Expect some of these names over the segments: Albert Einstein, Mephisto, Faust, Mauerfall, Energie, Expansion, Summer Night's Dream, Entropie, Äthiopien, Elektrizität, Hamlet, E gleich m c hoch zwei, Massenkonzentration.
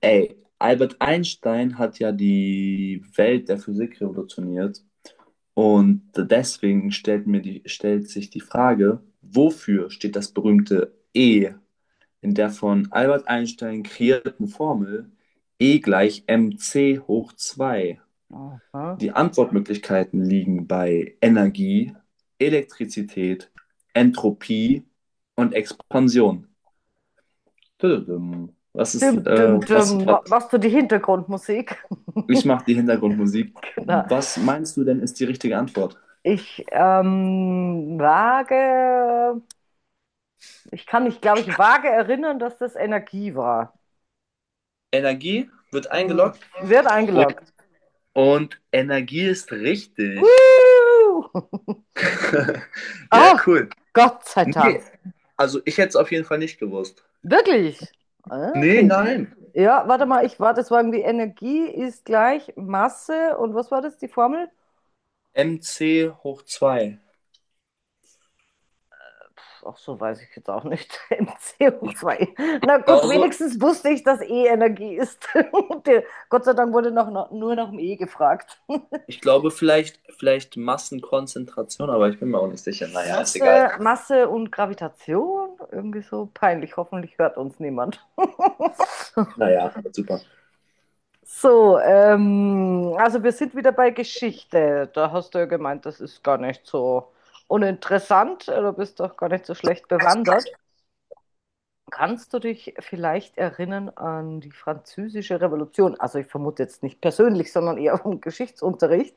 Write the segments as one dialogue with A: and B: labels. A: Ey, Albert Einstein hat ja die Welt der Physik revolutioniert, und deswegen stellt sich die Frage, wofür steht das berühmte E in der von Albert Einstein kreierten Formel E gleich m c hoch zwei?
B: Aha.
A: Die Antwortmöglichkeiten liegen bei Energie, Elektrizität, Entropie und Expansion. Tudum. Was ist,
B: Dim, dim, dim.
A: was?
B: Machst du die Hintergrundmusik?
A: Ich mache die Hintergrundmusik.
B: Genau.
A: Was meinst du denn, ist die richtige Antwort?
B: Ich ähm, wage, ich kann mich, glaube ich, vage erinnern, dass das Energie war.
A: Energie wird
B: Hm.
A: eingeloggt.
B: Wird
A: Und,
B: eingeloggt.
A: und Energie ist richtig.
B: Woo!
A: Ja,
B: Ach,
A: cool.
B: Gott sei
A: Nee,
B: Dank.
A: also ich hätte es auf jeden Fall nicht gewusst.
B: Wirklich? Ah,
A: Nee,
B: okay.
A: nein.
B: Ja, warte mal, das war irgendwie Energie ist gleich Masse und was war das, die Formel?
A: MC hoch 2.
B: Auch so, weiß ich jetzt auch nicht. M C hoch
A: Ich
B: zwei. Na gut,
A: glaube,
B: wenigstens wusste ich, dass E Energie ist. der- Gott sei Dank wurde nur nach dem E gefragt.
A: ich glaube vielleicht Massenkonzentration, aber ich bin mir auch nicht sicher. Naja, ist egal.
B: Masse, Masse und Gravitation? Irgendwie so peinlich. Hoffentlich hört uns niemand.
A: Naja, super.
B: So, also wir sind wieder bei Geschichte. Da hast du ja gemeint, das ist gar nicht so uninteressant. Du bist doch gar nicht so schlecht bewandert. Kannst du dich vielleicht erinnern an die Französische Revolution? Also ich vermute jetzt nicht persönlich, sondern eher vom Geschichtsunterricht.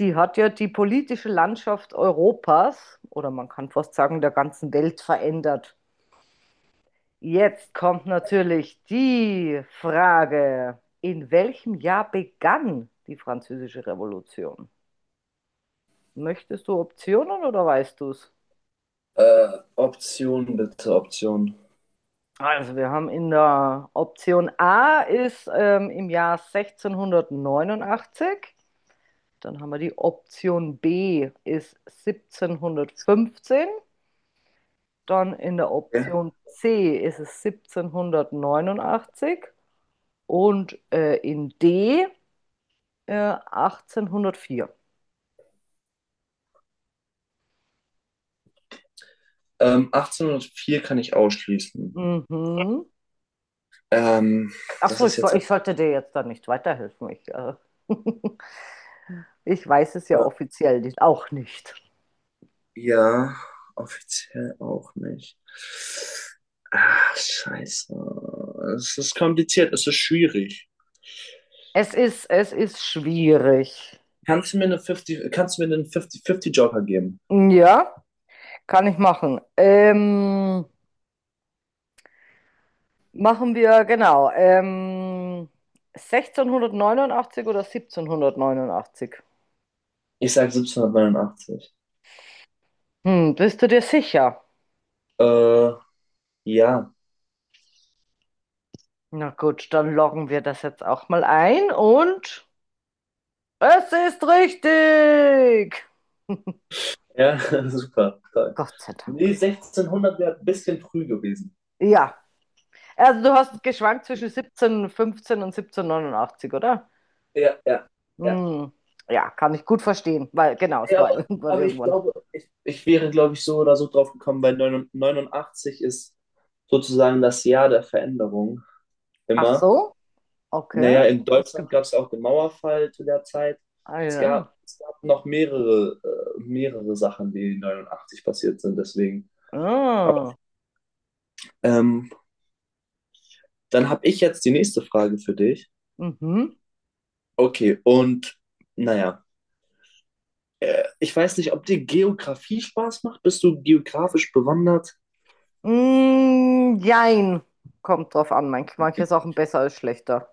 B: Die hat ja die politische Landschaft Europas oder man kann fast sagen der ganzen Welt verändert. Jetzt kommt natürlich die Frage, in welchem Jahr begann die Französische Revolution? Möchtest du Optionen oder weißt du es?
A: Option bitte, Option.
B: Also wir haben in der Option A ist im Jahr 1689. Dann haben wir die Option B ist 1715. Dann in der
A: Ja.
B: Option C ist es 1789 und in D 1804.
A: 1804 kann ich ausschließen.
B: Mhm.
A: Ähm,
B: Ach
A: Das
B: so,
A: ist jetzt ein
B: ich sollte dir jetzt da nicht weiterhelfen. Ich weiß es ja offiziell nicht, auch nicht.
A: Bier. Offiziell auch nicht. Ah, scheiße. Es ist kompliziert, es ist schwierig.
B: Es ist schwierig.
A: Kannst du mir einen 50/50 Joker geben?
B: Ja, kann ich machen. Machen wir, genau, 1689 oder 1789?
A: Ich sag 1789.
B: Bist du dir sicher?
A: Äh, ja.
B: Na gut, dann loggen wir das jetzt auch mal ein und es ist richtig!
A: Ja, super. Toll.
B: Gott sei
A: Nee,
B: Dank.
A: 1600 wäre ein bisschen früh gewesen.
B: Ja, also du hast geschwankt zwischen 1715 und 1789, oder?
A: Ja, ja, ja.
B: Hm, ja, kann ich gut verstehen, weil genau, es
A: Ja,
B: war
A: aber,
B: irgendwann,
A: aber ich
B: irgendwann.
A: glaube, ich wäre, glaube ich, so oder so drauf gekommen, weil 89 ist sozusagen das Jahr der Veränderung
B: Ach
A: immer.
B: so, okay.
A: Naja, in Deutschland gab es auch den Mauerfall zu der Zeit.
B: Ah
A: Es
B: ja.
A: gab, es gab noch mehrere Sachen, die 89 passiert sind, deswegen. Aber,
B: Ah.
A: ähm, dann habe ich jetzt die nächste Frage für dich.
B: Mhm.
A: Okay, und naja, ich weiß nicht, ob dir Geografie Spaß macht. Bist du geografisch bewandert?
B: Mm, jein. Kommt drauf an. Manche Sachen besser als schlechter.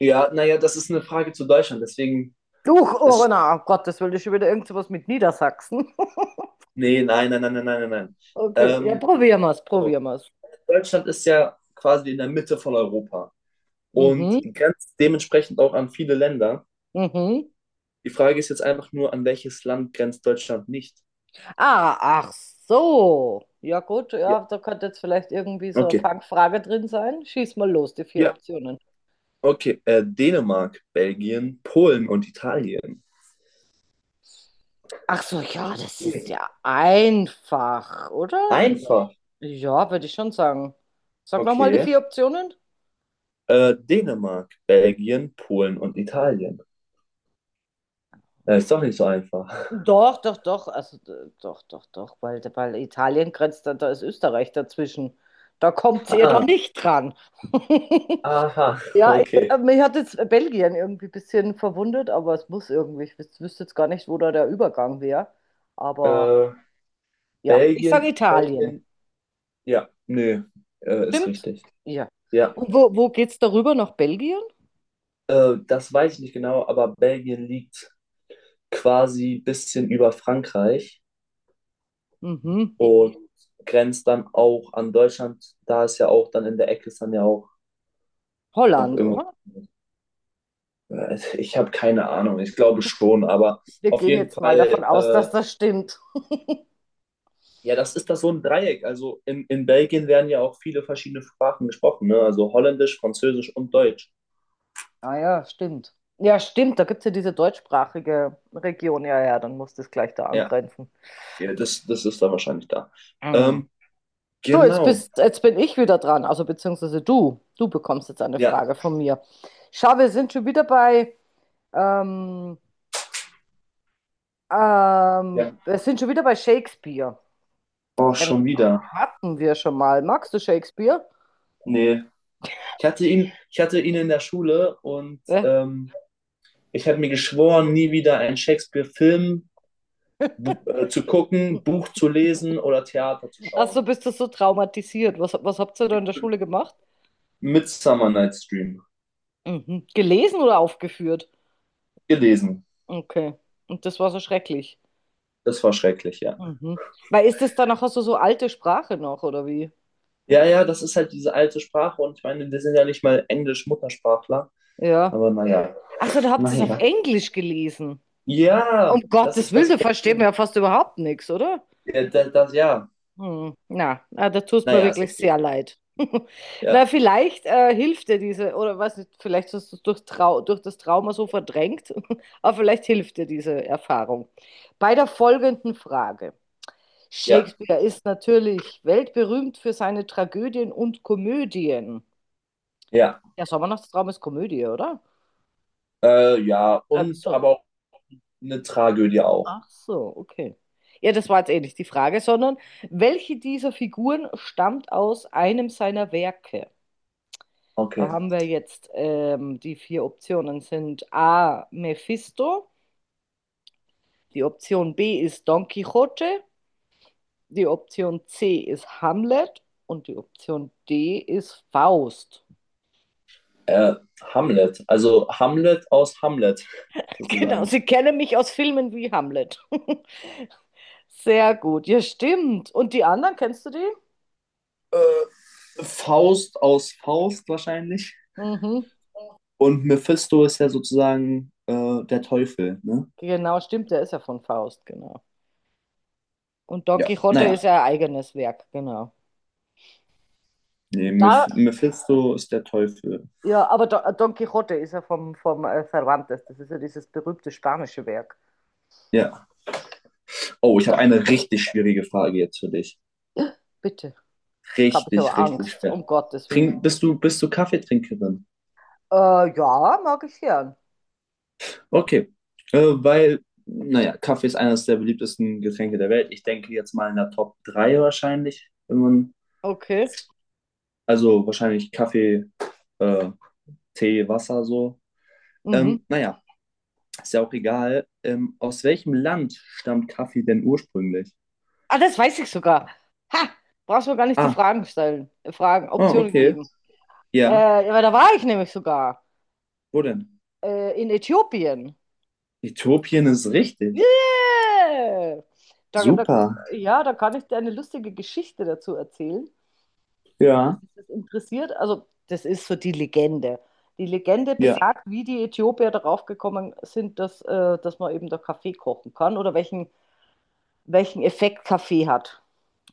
A: Ja, naja, das ist eine Frage zu Deutschland, deswegen,
B: Duch, oh
A: es,
B: na, um Gottes Willen, ist schon wieder irgend sowas mit Niedersachsen.
A: nee, nein, nein, nein, nein, nein, nein, nein.
B: Okay, ja,
A: Ähm, so,
B: probieren wir es.
A: Deutschland ist ja quasi in der Mitte von Europa und
B: Mhm,
A: grenzt dementsprechend auch an viele Länder.
B: mhm.
A: Die Frage ist jetzt einfach nur, an welches Land grenzt Deutschland nicht?
B: Ah, ach so. Ja gut,
A: Ja,
B: ja, da könnte jetzt vielleicht irgendwie so eine
A: okay.
B: Fangfrage drin sein. Schieß mal los, die vier
A: Ja,
B: Optionen.
A: okay. Dänemark, Belgien, Polen und Italien.
B: Ach so, ja, das ist
A: Mhm.
B: ja einfach, oder? Ja,
A: Einfach.
B: ja, würde ich schon sagen. Sag nochmal die
A: Okay.
B: vier Optionen.
A: Dänemark, Belgien, Polen und Italien. Ist doch nicht so einfach.
B: Doch, doch, doch, also doch, doch, doch, weil Italien grenzt, da ist Österreich dazwischen. Da kommt ihr doch
A: Ah,
B: nicht dran.
A: aha,
B: Ja,
A: okay.
B: mich hat jetzt Belgien irgendwie ein bisschen verwundert, aber es muss irgendwie, ich wüsste jetzt gar nicht, wo da der Übergang wäre. Aber
A: Äh,
B: ja, ich sage
A: Belgien,
B: Italien.
A: Belgien, ja, nö, ist
B: Stimmt?
A: richtig.
B: Ja.
A: Ja,
B: Und wo, wo geht's darüber? Nach Belgien?
A: das weiß ich nicht genau, aber Belgien liegt quasi ein bisschen über Frankreich
B: Mhm.
A: und grenzt dann auch an Deutschland. Da ist ja auch dann in der Ecke ist dann ja auch noch
B: Holland,
A: irgendwas.
B: oder?
A: Ich habe keine Ahnung, ich glaube schon, aber
B: Wir
A: auf
B: gehen
A: jeden
B: jetzt mal davon
A: Fall,
B: aus, dass das stimmt.
A: ja, das ist das so ein Dreieck. Also in Belgien werden ja auch viele verschiedene Sprachen gesprochen, ne? Also Holländisch, Französisch und Deutsch.
B: Ah ja, stimmt. Ja, stimmt, da gibt es ja diese deutschsprachige Region. Ja, ja, dann muss das gleich da
A: Ja.
B: angrenzen.
A: Ja, das ist da wahrscheinlich da.
B: Mm.
A: Ähm,
B: So,
A: genau.
B: jetzt bin ich wieder dran, also beziehungsweise du. Du bekommst jetzt eine
A: Ja.
B: Frage von mir. Schau, ähm,
A: Ja.
B: wir sind schon wieder bei Shakespeare.
A: Oh,
B: Den
A: schon wieder.
B: hatten wir schon mal. Magst du Shakespeare?
A: Nee. Ich hatte ihn in der Schule, und
B: Ja.
A: ich habe mir geschworen, nie wieder einen Shakespeare-Film zu gucken, Buch zu lesen oder Theater zu
B: Ach so,
A: schauen.
B: bist du so traumatisiert? Was habt ihr da in der Schule gemacht?
A: Mit Summer Night's Dream
B: Mhm. Gelesen oder aufgeführt?
A: gelesen.
B: Okay. Und das war so schrecklich.
A: Das war schrecklich, ja.
B: Mhm. Weil ist das dann nachher so, so alte Sprache noch, oder wie?
A: Ja, ja, das ist halt diese alte Sprache, und ich meine, wir sind ja nicht mal Englisch-Muttersprachler,
B: Ja.
A: aber naja,
B: Ach so, da habt ihr es auf
A: naja.
B: Englisch gelesen. Um
A: Ja, das
B: Gottes
A: ist
B: Willen,
A: das
B: da versteht man
A: Problem.
B: ja fast überhaupt nichts, oder?
A: Ja, das, ja.
B: Hm. Na, na, da tust mir
A: Naja, ist
B: wirklich
A: okay.
B: sehr leid.
A: Ja,
B: Na, vielleicht hilft dir diese, oder weiß nicht, vielleicht hast du es durch das Trauma so verdrängt, aber vielleicht hilft dir diese Erfahrung. Bei der folgenden Frage.
A: ja,
B: Shakespeare ist natürlich weltberühmt für seine Tragödien und Komödien.
A: ja.
B: Ja, Sommernachtstraum ist Komödie, oder?
A: Ja,
B: Ach
A: und
B: so.
A: aber auch eine Tragödie auch.
B: Ach so, okay. Ja, das war jetzt eh nicht die Frage, sondern welche dieser Figuren stammt aus einem seiner Werke? Da
A: Okay.
B: haben wir jetzt die vier Optionen sind A. Mephisto, die Option B ist Don Quixote, die Option C ist Hamlet und die Option D ist Faust.
A: Äh, Hamlet. Also Hamlet aus Hamlet,
B: Genau,
A: sozusagen.
B: sie kennen mich aus Filmen wie Hamlet. Sehr gut, ja, stimmt. Und die anderen, kennst du die?
A: Äh, Faust aus Faust wahrscheinlich.
B: Mhm.
A: Und Mephisto ist ja sozusagen der Teufel, ne?
B: Genau, stimmt, der ist ja von Faust, genau. Und Don
A: Ja.
B: Quixote ist
A: Naja.
B: ja ein eigenes Werk, genau.
A: Nee,
B: Da,
A: Mephisto ist der Teufel.
B: ja, aber Don Quixote ist ja vom, vom Cervantes, das ist ja dieses berühmte spanische Werk.
A: Ja. Oh, ich
B: Da,
A: habe eine richtig schwierige Frage jetzt für dich.
B: bitte, jetzt habe ich
A: Richtig,
B: aber
A: richtig
B: Angst,
A: schwer.
B: um Gottes Willen.
A: Bist du Kaffeetrinkerin?
B: Äh, ja, mag ich gern.
A: Okay, weil, naja, Kaffee ist eines der beliebtesten Getränke der Welt. Ich denke jetzt mal in der Top 3 wahrscheinlich, wenn man,
B: Okay.
A: also wahrscheinlich Kaffee, äh, Tee, Wasser so.
B: Mhm.
A: Naja, ist ja auch egal. Aus welchem Land stammt Kaffee denn ursprünglich?
B: Ah, das weiß ich sogar. Ha, brauchst mir gar nicht die
A: Ah,
B: Fragen stellen,
A: oh,
B: Optionen
A: okay.
B: geben.
A: Ja,
B: Ja, weil da war ich nämlich sogar.
A: wo denn?
B: In Äthiopien.
A: Äthiopien ist richtig.
B: Yeah! Da, da,
A: Super.
B: ja, da kann ich dir eine lustige Geschichte dazu erzählen. Was
A: Ja,
B: ist das interessiert? Also, das ist so die Legende. Die Legende
A: ja,
B: besagt, wie die Äthiopier darauf gekommen sind, dass man eben da Kaffee kochen kann oder welchen, Effekt Kaffee hat.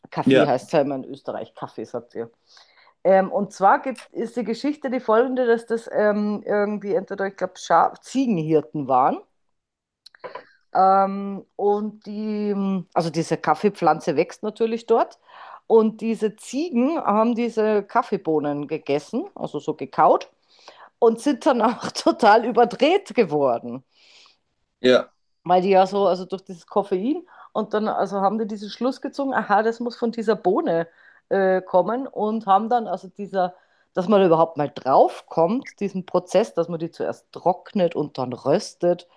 B: Kaffee
A: ja,
B: heißt ja immer in Österreich, Kaffee, sagt ihr. Und zwar ist die Geschichte die folgende, dass das irgendwie entweder, ich glaube, Ziegenhirten waren. Und also diese Kaffeepflanze wächst natürlich dort. Und diese Ziegen haben diese Kaffeebohnen gegessen, also so gekaut, und sind dann auch total überdreht geworden,
A: ja,
B: weil die ja so, also durch dieses Koffein, und dann, also haben die diesen Schluss gezogen, aha, das muss von dieser Bohne kommen, und haben dann, also dieser, dass man überhaupt mal drauf kommt, diesen Prozess, dass man die zuerst trocknet und dann röstet.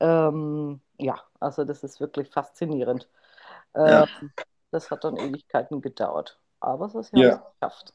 B: Ja, also das ist wirklich faszinierend. Ähm,
A: ja,
B: Das hat dann Ewigkeiten gedauert. Aber so, sie haben es
A: ja.
B: geschafft.